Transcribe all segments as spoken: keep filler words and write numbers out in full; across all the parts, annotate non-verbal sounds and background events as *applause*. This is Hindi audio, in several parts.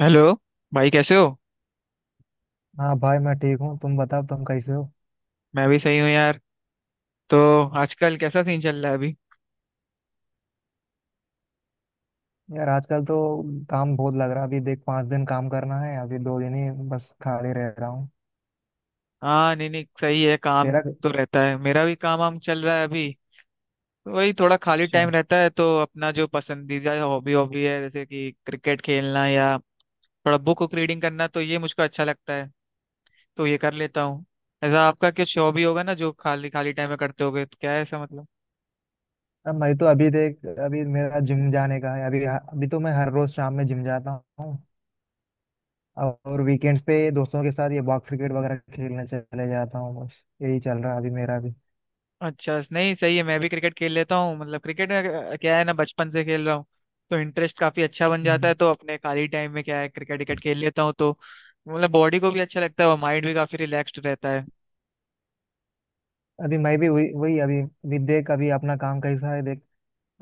हेलो। भाई कैसे हो? हाँ भाई मैं ठीक हूँ। तुम बताओ तुम कैसे हो। मैं भी सही हूँ यार। तो आजकल कैसा सीन चल रहा है अभी? यार आजकल तो काम बहुत लग रहा है। अभी देख पाँच दिन काम करना है, अभी दो दिन ही बस खाली रह रहा हूँ। हाँ, नहीं नहीं, सही है। काम तेरा तो रहता है, मेरा भी काम वाम चल रहा है अभी। तो वही, थोड़ा खाली अच्छा। टाइम रहता है, तो अपना जो पसंदीदा हॉबी हॉबी है, जैसे कि क्रिकेट खेलना या थोड़ा बुक बुक रीडिंग करना, तो ये मुझको अच्छा लगता है। तो ये कर लेता हूँ। ऐसा आपका कुछ हॉबी होगा ना, जो खाली खाली टाइम में करते होगे, तो क्या है ऐसा, मतलब? अब मैं तो अभी देख, अभी मेरा जिम जाने का है। अभी अभी तो मैं हर रोज शाम में जिम जाता हूँ और वीकेंड्स पे दोस्तों के साथ ये बॉक्स क्रिकेट वगैरह खेलने चले जाता हूँ। बस यही चल रहा है अभी मेरा भी। अच्छा, नहीं सही है। मैं भी क्रिकेट खेल लेता हूँ। मतलब क्रिकेट में अ, क्या है ना, बचपन से खेल रहा हूँ, तो इंटरेस्ट काफी अच्छा बन जाता है। हम्म। तो अपने खाली टाइम में क्या है, क्रिकेट विकेट खेल लेता हूँ, तो मतलब बॉडी को भी अच्छा लगता है और माइंड भी काफी रिलैक्स्ड रहता है। अभी मैं भी वही वही अभी अभी देख, अभी अपना काम कैसा है देख।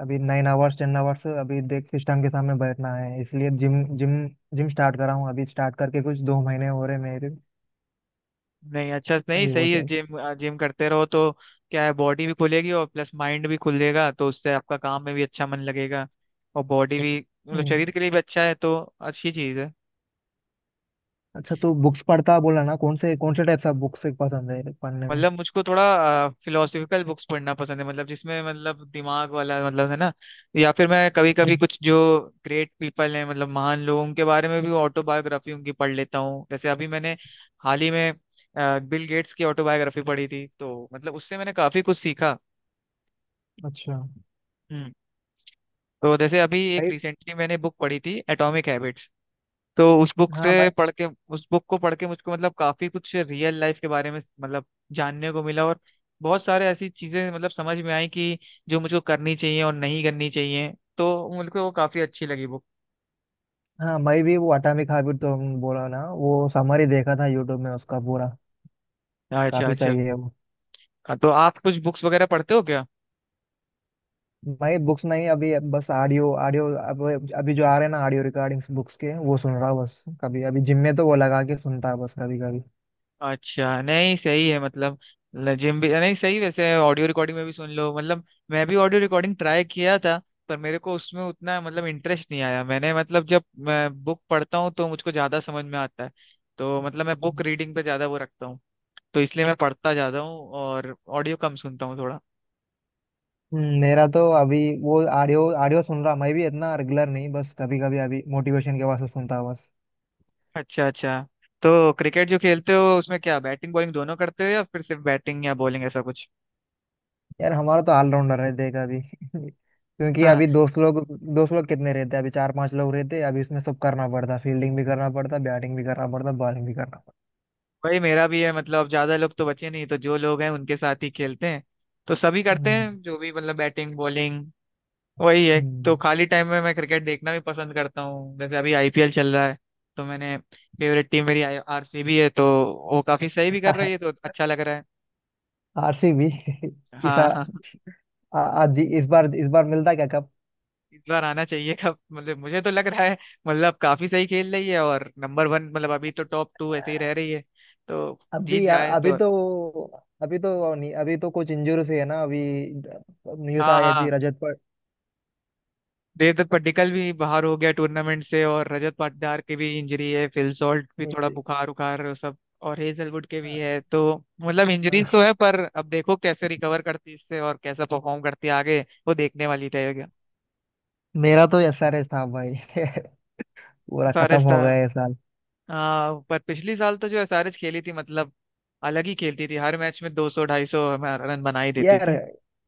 अभी नाइन आवर्स टेन आवर्स अभी देख सिस्टम के सामने बैठना है, इसलिए जिम जिम जिम स्टार्ट करा हूँ। अभी स्टार्ट करके कुछ दो महीने हो रहे मेरे। नहीं, अच्छा, नहीं अभी वो सही है चल। जिम जिम करते रहो, तो क्या है, बॉडी भी खुलेगी और प्लस माइंड भी खुलेगा, तो उससे आपका काम में भी अच्छा मन लगेगा, और बॉडी भी मतलब हम्म शरीर के लिए भी अच्छा है, तो अच्छी चीज है। अच्छा, तो बुक्स पढ़ता बोला ना, कौन से कौन से टाइप का बुक्स पसंद है पढ़ने में। मतलब मुझको थोड़ा फिलोसफिकल बुक्स पढ़ना पसंद है, मतलब जिसमें मतलब दिमाग वाला, मतलब है ना। या फिर मैं कभी कभी हम्म, कुछ जो ग्रेट पीपल हैं, मतलब महान लोगों के बारे में भी ऑटोबायोग्राफी उनकी पढ़ लेता हूँ। जैसे अभी मैंने हाल ही में बिल गेट्स की ऑटोबायोग्राफी पढ़ी थी, तो मतलब उससे मैंने काफी कुछ सीखा। अच्छा। हम्म। तो जैसे अभी एक भाई। रिसेंटली मैंने बुक पढ़ी थी, एटॉमिक हैबिट्स। तो उस बुक हाँ मैं। से पढ़ के उस बुक को पढ़ के मुझको मतलब काफी कुछ रियल लाइफ के बारे में, मतलब जानने को मिला, और बहुत सारे ऐसी चीजें मतलब समझ में आई कि जो मुझको करनी चाहिए और नहीं करनी चाहिए। तो मुझको वो काफी अच्छी लगी बुक। हाँ मैं भी वो अटामिक हैबिट तो बोला ना, वो समरी देखा था यूट्यूब में उसका पूरा। अच्छा काफी अच्छा। सही है वो। तो आप कुछ बुक्स वगैरह पढ़ते हो क्या? मैं बुक्स नहीं, अभी बस ऑडियो ऑडियो अब अभी जो आ रहे हैं ना ऑडियो रिकॉर्डिंग्स बुक्स के, वो सुन रहा हूँ बस। कभी अभी जिम में तो वो लगा के सुनता है बस, कभी कभी। अच्छा, नहीं सही है, मतलब जिम भी नहीं सही, वैसे ऑडियो रिकॉर्डिंग में भी सुन लो मतलब। मैं भी ऑडियो रिकॉर्डिंग ट्राई किया था, पर मेरे को उसमें उतना मतलब इंटरेस्ट नहीं आया। मैंने मतलब जब मैं बुक पढ़ता हूँ, तो मुझको ज्यादा समझ में आता है। तो मतलब मैं बुक हम्म, रीडिंग पे ज्यादा वो रखता हूँ। तो इसलिए मैं पढ़ता ज्यादा हूँ और ऑडियो कम सुनता हूँ थोड़ा। मेरा तो अभी वो ऑडियो ऑडियो सुन रहा मैं भी, इतना रेगुलर नहीं, बस कभी कभी अभी मोटिवेशन के वास्ते सुनता हूँ बस। अच्छा अच्छा। तो क्रिकेट जो खेलते हो उसमें क्या बैटिंग बॉलिंग दोनों करते हो, या फिर सिर्फ बैटिंग या बॉलिंग, ऐसा कुछ? यार हमारा तो ऑलराउंडर है देख अभी *laughs* क्योंकि अभी दोस्त लोग दोस्त लोग कितने रहते हैं, अभी चार पांच लोग रहते हैं, अभी इसमें सब करना पड़ता, फील्डिंग भी करना पड़ता, बैटिंग भी करना पड़ता, बॉलिंग भी करना वही मेरा भी है, मतलब ज्यादा लोग तो बचे नहीं, तो जो लोग हैं उनके साथ ही खेलते हैं। तो सभी करते पड़ता। हैं जो भी, मतलब बैटिंग बॉलिंग वही है। तो हम्म। खाली टाइम में मैं क्रिकेट देखना भी पसंद करता हूँ। जैसे अभी आईपीएल चल रहा है, तो मैंने फेवरेट टीम मेरी आरसीबी है, तो वो काफी सही भी कर रही है, तो अच्छा लग रहा है। आरसीबी। *laughs* इस हाँ आ- हाँ हाँ। आ- आज जी- इस बार, इस बार मिलता क्या कप। इस बार आना चाहिए कब मतलब मुझे तो लग रहा है मतलब काफी सही खेल रही है, और नंबर वन, मतलब अभी तो टॉप टू ऐसे ही रह रही है, तो जीत अभी जाए अभी तो। तो, अभी तो नहीं, अभी तो कुछ इंजूर हुई है ना अभी। न्यूज हाँ आई थी हाँ। रजत पर। देवदत्त पड्डीकल भी बाहर हो गया टूर्नामेंट से, और रजत पाटीदार की भी इंजरी है, फिल सॉल्ट भी थोड़ा इंजु- बुखार उखार वो सब, और हेजलवुड के भी है। तो मतलब इंजरीज तो है, पर अब देखो कैसे रिकवर करती है इससे, और कैसा परफॉर्म करती है आगे, वो देखने वाली रहेगा। मेरा तो एस आर एस था भाई *laughs* पूरा खत्म एसआरएच हो था। गया ये साल हाँ, पर पिछली साल तो जो एसआरएच खेली थी, मतलब अलग ही खेलती थी। हर मैच में दो सौ ढाई सौ रन बना ही देती यार। थी।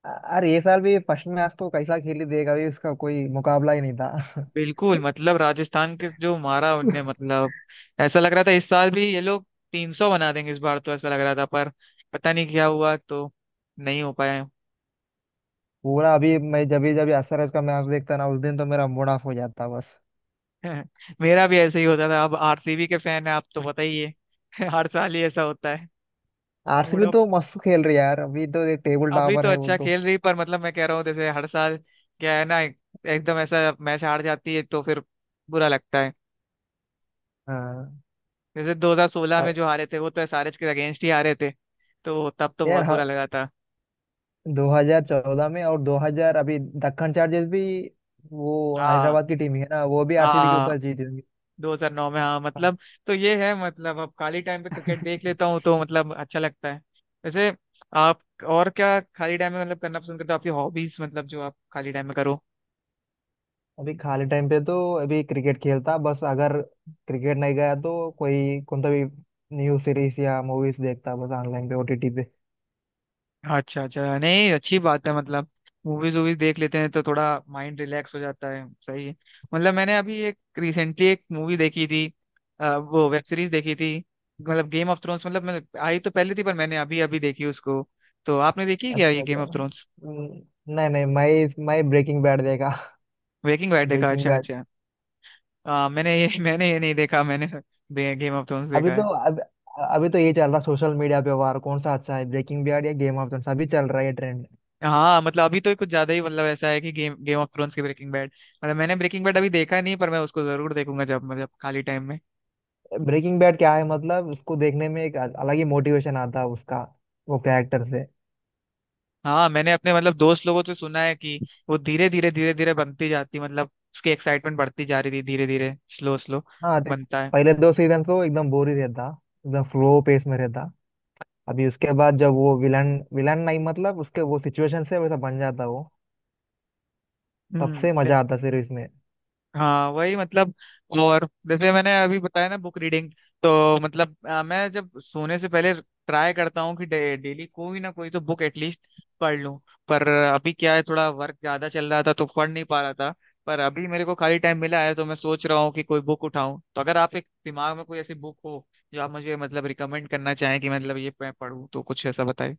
अरे ये साल भी फर्स्ट मैच तो कैसा खेली देगा, अभी उसका कोई मुकाबला ही नहीं था। बिल्कुल, मतलब राजस्थान के जो मारा उनने, मतलब ऐसा लग रहा था इस साल भी ये लोग तीन सौ बना देंगे, इस बार तो ऐसा लग रहा था। पर पता नहीं क्या हुआ, तो नहीं हो पाया। पूरा अभी मैं जब भी जब भी एस आर एस का मैच देखता ना, उस दिन तो मेरा मूड ऑफ हो जाता बस। *laughs* मेरा भी ऐसे ही होता था। अब आरसीबी के फैन है आप, तो पता ही है *laughs* हर साल ही ऐसा होता है। Mood RCB off. तो मस्त खेल रही है यार, अभी तो एक टेबल अभी टॉपर तो है वो अच्छा तो। खेल रही, पर मतलब मैं कह रहा हूँ, जैसे हर साल क्या है ना, एक- एकदम ऐसा मैच हार जाती है, तो फिर बुरा लगता है। हाँ। जैसे दो हज़ार सोलह में अ- जो हारे थे, वो तो एसआरएच के अगेंस्ट ही हारे थे, तो तब तो यार बहुत बुरा लगा था। दो हज़ार चौदह में और दो हज़ार, अभी दक्कन चार्जर्स भी वो हाँ हैदराबाद की टीम ही है ना, वो भी हाँ आरसीबी के हाँ। ऊपर जीती होंगी। दो हज़ार नौ में, हाँ हाँ, मतलब। तो ये है, मतलब अब खाली टाइम पे क्रिकेट देख लेता हूँ, तो मतलब अच्छा लगता है। वैसे आप और क्या खाली टाइम में मतलब करना पसंद करते हो? आपकी हॉबीज, मतलब जो आप खाली टाइम में करो। अभी खाली टाइम पे तो अभी क्रिकेट खेलता बस। अगर क्रिकेट नहीं गया तो कोई कौन सा भी न्यूज सीरीज या मूवीज देखता बस, ऑनलाइन पे ओटीटी पे। अच्छा अच्छा, नहीं अच्छी बात है, मतलब मूवीज वूवीज देख लेते हैं, तो थोड़ा माइंड रिलैक्स हो जाता है, सही है। मतलब मैंने अभी एक रिसेंटली एक मूवी देखी थी, अ, वो वेब सीरीज देखी थी, मतलब गेम ऑफ थ्रोन्स। मतलब मैं आई तो पहले थी, पर मैंने अभी अभी देखी उसको। तो आपने देखी क्या अच्छा ये गेम अच्छा। Of Thrones? हम्म, नहीं नहीं मैं मैं ब्रेकिंग बैड देखा *laughs* ब्रेकिंग बैड देखा, ब्रेकिंग अच्छा बैड। अच्छा। आ, मैंने ये *laughs* मैंने ये नहीं देखा, मैंने गेम ऑफ थ्रोन्स अभी देखा तो है। अब अभी तो ये चल रहा सोशल मीडिया पे वार, कौन सा अच्छा है ब्रेकिंग बैड या गेम ऑफ थ्रोन्स, अभी चल रहा है ये ट्रेंड। हाँ, मतलब अभी तो कुछ ज्यादा ही मतलब ऐसा है कि गेम गेम ऑफ थ्रोन्स की ब्रेकिंग बैड। मतलब मैंने ब्रेकिंग बैड अभी देखा नहीं, पर मैं उसको जरूर देखूंगा जब मतलब खाली टाइम में। ब्रेकिंग बैड क्या है मतलब, उसको देखने में एक अल- अलग ही मोटिवेशन आता है उसका, वो कैरेक्टर से। हाँ, मैंने अपने मतलब दोस्त लोगों से सुना है कि वो धीरे धीरे धीरे धीरे बनती जाती, मतलब उसकी एक्साइटमेंट बढ़ती जा रही थी, धीरे धीरे स्लो स्लो हाँ देख, बनता है। पहले दो सीजन तो एकदम बोर ही रहता, एकदम स्लो पेस में रहता। अभी उसके बाद जब वो विलन विलन नहीं मतलब उसके वो सिचुएशन से वैसा बन जाता वो, तब से हम्म। मजा आता सीरीज में। हाँ वही मतलब, और जैसे मैंने अभी बताया ना बुक रीडिंग, तो मतलब अ, मैं जब सोने से पहले ट्राई करता हूँ कि डे, डेली कोई ना कोई तो बुक एटलीस्ट पढ़ लूँ। पर अभी क्या है, थोड़ा वर्क ज्यादा चल रहा था, तो पढ़ नहीं पा रहा था। पर अभी मेरे को खाली टाइम मिला है, तो मैं सोच रहा हूँ कि कोई बुक उठाऊं। तो अगर आप एक दिमाग में कोई ऐसी बुक हो जो आप मुझे मतलब रिकमेंड करना चाहें कि मतलब ये मैं पढ़ूँ, तो कुछ ऐसा बताइए।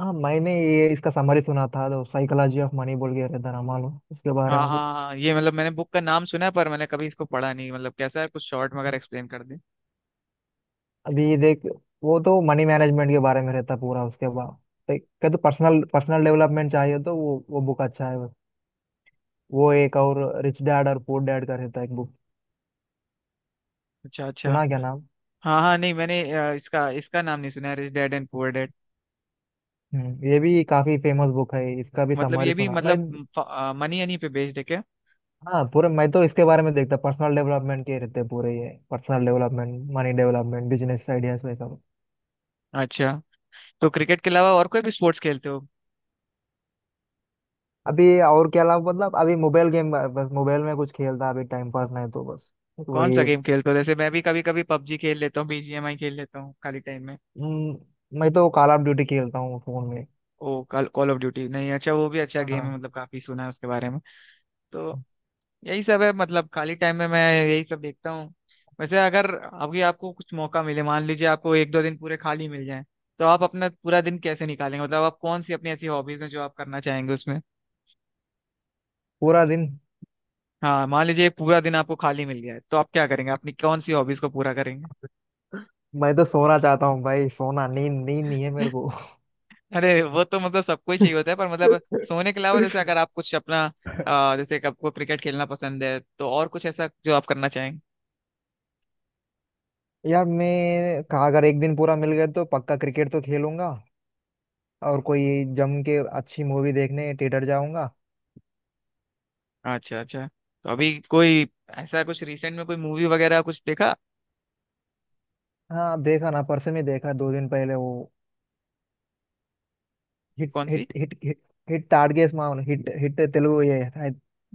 हाँ मैंने ये इसका समरी सुना था, तो साइकोलॉजी ऑफ मनी बोल के रहता रामाल, उसके बारे हाँ में कुछ। हाँ हाँ, ये मतलब मैंने बुक का नाम सुना है, पर मैंने कभी इसको पढ़ा नहीं। मतलब कैसा है, कुछ शॉर्ट में अगर एक्सप्लेन कर दें? अभी देख, वो तो मनी मैनेजमेंट के बारे में रहता पूरा। उसके बाद देख क्या, तो पर्सनल पर्सनल डेवलपमेंट चाहिए तो वो वो बुक अच्छा है वो। एक और रिच डैड और पुअर डैड का रहता है एक बुक। अच्छा अच्छा। सुना क्या नाम। हाँ हाँ, नहीं मैंने अ, इसका इसका नाम नहीं सुना, Rich Dad and Poor Dad. हम्म, ये भी काफी फेमस बुक है, इसका भी मतलब समरी ये भी सुना मैं। मतलब मनी हनी पे बेस्ड है क्या? हाँ पूरे, मैं तो इसके बारे में देखता, पर्सनल डेवलपमेंट के रहते हैं पूरे ये, personal development, money development, business ideas वैसा सब। अच्छा। तो क्रिकेट के अलावा और कोई भी स्पोर्ट्स खेलते हो? अभी और क्या अलावा, मतलब अभी मोबाइल गेम, बस मोबाइल में कुछ खेलता अभी टाइम पास, नहीं तो बस कौन सा वही। गेम खेलते हो? जैसे मैं भी कभी कभी पबजी खेल लेता हूँ, बीजीएमआई खेल लेता हूँ खाली टाइम में। हम्म, मैं तो कॉल ऑफ ड्यूटी खेलता हूँ फोन में। ओ कॉल ऑफ ड्यूटी, नहीं अच्छा, वो भी अच्छा गेम है, हाँ। मतलब काफी सुना है उसके बारे में। तो यही सब है, मतलब खाली टाइम में मैं यही सब देखता हूँ। वैसे अगर अभी आपको कुछ मौका मिले, मान लीजिए आपको एक दो दिन पूरे खाली मिल जाए, तो आप अपना पूरा दिन कैसे निकालेंगे? मतलब आप कौन सी अपनी ऐसी हॉबीज हैं जो आप करना चाहेंगे उसमें? पूरा दिन हाँ, मान लीजिए पूरा दिन आपको खाली मिल गया है, तो आप क्या करेंगे? अपनी कौन सी हॉबीज को पूरा करेंगे? मैं तो सोना चाहता हूँ भाई, सोना, नींद नींद नहीं है मेरे को अरे वो तो मतलब सबको ही चाहिए होता है, पर मतलब सोने के अलावा, जैसे अगर आप कुछ अपना *laughs* अ, जैसे कि आपको क्रिकेट खेलना पसंद है, तो और कुछ ऐसा जो आप करना चाहेंगे। यार मैं कहा अगर एक दिन पूरा मिल गया तो पक्का क्रिकेट तो खेलूंगा, और कोई जम के अच्छी मूवी देखने थिएटर जाऊंगा। अच्छा अच्छा। तो अभी कोई ऐसा कुछ रिसेंट में कोई मूवी वगैरह कुछ देखा? हाँ देखा ना, परसों में देखा दो दिन पहले वो हिट कौन सी? हिट हिट हिट हिट टाडगेस मामन, हिट हिट तेलुगु ये है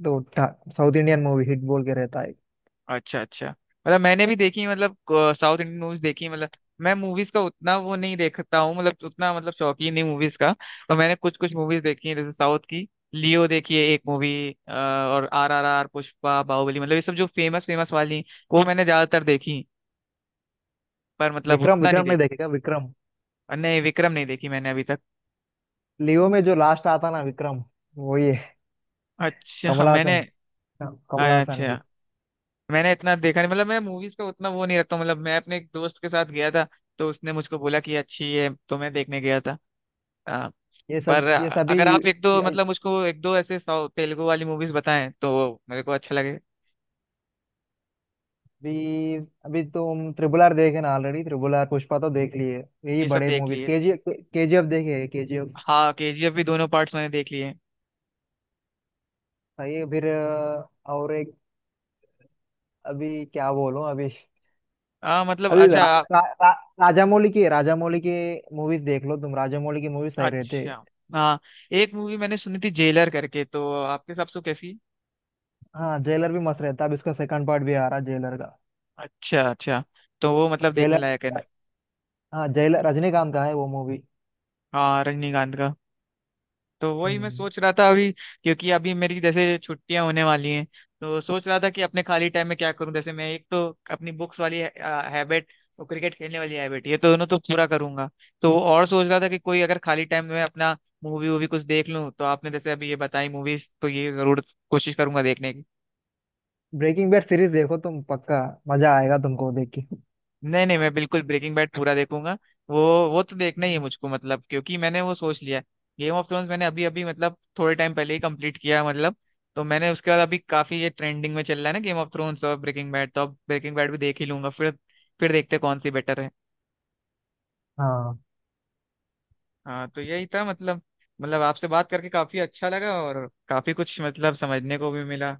तो टा- साउथ इंडियन मूवी, हिट बोल के रहता है। अच्छा अच्छा, मतलब मैंने भी देखी मतलब अ, साउथ इंडियन मूवीज देखी। मतलब मैं मूवीज का उतना वो नहीं देखता हूँ, मतलब उतना मतलब शौकीन नहीं मूवीज का। तो मैंने कुछ कुछ मूवीज देखी है जैसे साउथ की, लियो देखी है एक मूवी, और R R R, Pushpa, Baahubali, मतलब ये सब जो फेमस फेमस वाली वो मैंने ज्यादातर देखी, पर मतलब विक्रम उतना नहीं विक्रम नहीं देखा। देखेगा विक्रम। नहीं, विक्रम नहीं देखी मैंने अभी तक। लियो में जो लास्ट आता ना विक्रम, वो ये अच्छा कमल मैंने हासन। हाँ, कमल हासन की। अच्छा, मैंने इतना देखा नहीं, मतलब मैं मूवीज का उतना वो नहीं रखता हूँ। मतलब मैं अपने एक दोस्त के साथ गया था, तो उसने मुझको बोला कि अच्छी है, तो मैं देखने गया था। ये पर सब, ये सभी अगर आप एक दो, मतलब मुझको एक दो ऐसे साउथ तेलुगु वाली मूवीज बताएं, तो मेरे को अच्छा लगे। अभी अभी तुम ट्रिपल आर देखे ना ऑलरेडी, ट्रिपल आर पुष्पा तो देख लिए, यही ये सब बड़े देख मूवीज। लिए। केजी केजीएफ देखे, केजीएफ। हाँ, केजीएफ भी दोनों पार्ट्स मैंने देख लिए। सही है। फिर अ, और एक, अभी क्या बोलूं अभी। हाँ मतलब, अभी रा, अच्छा आप- रा, रा, राजामौली की, राजामौली की मूवीज देख लो तुम, राजामौली की मूवीज सही रहते। अच्छा, हाँ। एक मूवी मैंने सुनी थी जेलर करके, तो आपके हिसाब से वो कैसी? हाँ जेलर भी मस्त रहता, अब इसका सेकंड पार्ट भी आ रहा जेलर का। अच्छा अच्छा। तो वो मतलब देखने जेलर, लायक है ना? हाँ जेलर रजनीकांत का है वो मूवी। हाँ, रजनीकांत का। तो वही मैं हम्म। सोच रहा था अभी, क्योंकि अभी मेरी जैसे छुट्टियां होने वाली हैं, तो सोच रहा था कि अपने खाली टाइम में क्या करूं। जैसे मैं एक तो अपनी बुक्स वाली हैबिट और क्रिकेट खेलने वाली हैबिट, ये दोनों तो पूरा करूंगा। तो और सोच रहा था कि कोई अगर खाली टाइम में अपना मूवी वूवी कुछ देख लूं, तो आपने जैसे अभी ये बताई मूवीज, तो ये जरूर कोशिश करूंगा देखने की। ब्रेकिंग बैड सीरीज देखो तुम पक्का, मजा आएगा तुमको देख के। नहीं नहीं, मैं बिल्कुल ब्रेकिंग बैड पूरा देखूंगा। वो वो तो देखना ही है मुझको, मतलब क्योंकि मैंने वो सोच लिया। गेम ऑफ थ्रोन्स मैंने अभी अभी, मतलब थोड़े टाइम पहले ही कंप्लीट किया मतलब। तो मैंने उसके बाद अभी काफी ये ट्रेंडिंग में चल रहा है ना, गेम ऑफ थ्रोन्स और ब्रेकिंग बैड, तो अब ब्रेकिंग बैड भी देख ही लूंगा फिर। फिर देखते हैं कौन सी बेटर है। हम्म। हाँ, तो यही था मतलब, मतलब आपसे बात करके काफी अच्छा लगा, और काफी कुछ मतलब समझने को भी मिला।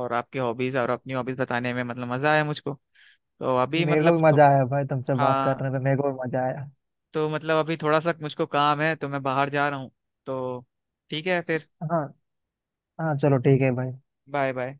और आपकी हॉबीज और अपनी हॉबीज बताने में मतलब मजा आया मुझको। तो अभी मेरे को मतलब भी थो- मजा आया भाई, तुमसे बात करने हाँ, पे मेरे को भी मजा आया। तो मतलब अभी थोड़ा सा मुझको काम है, तो मैं बाहर जा रहा हूँ। तो ठीक है फिर। हाँ। हाँ चलो ठीक है भाई। Bye bye.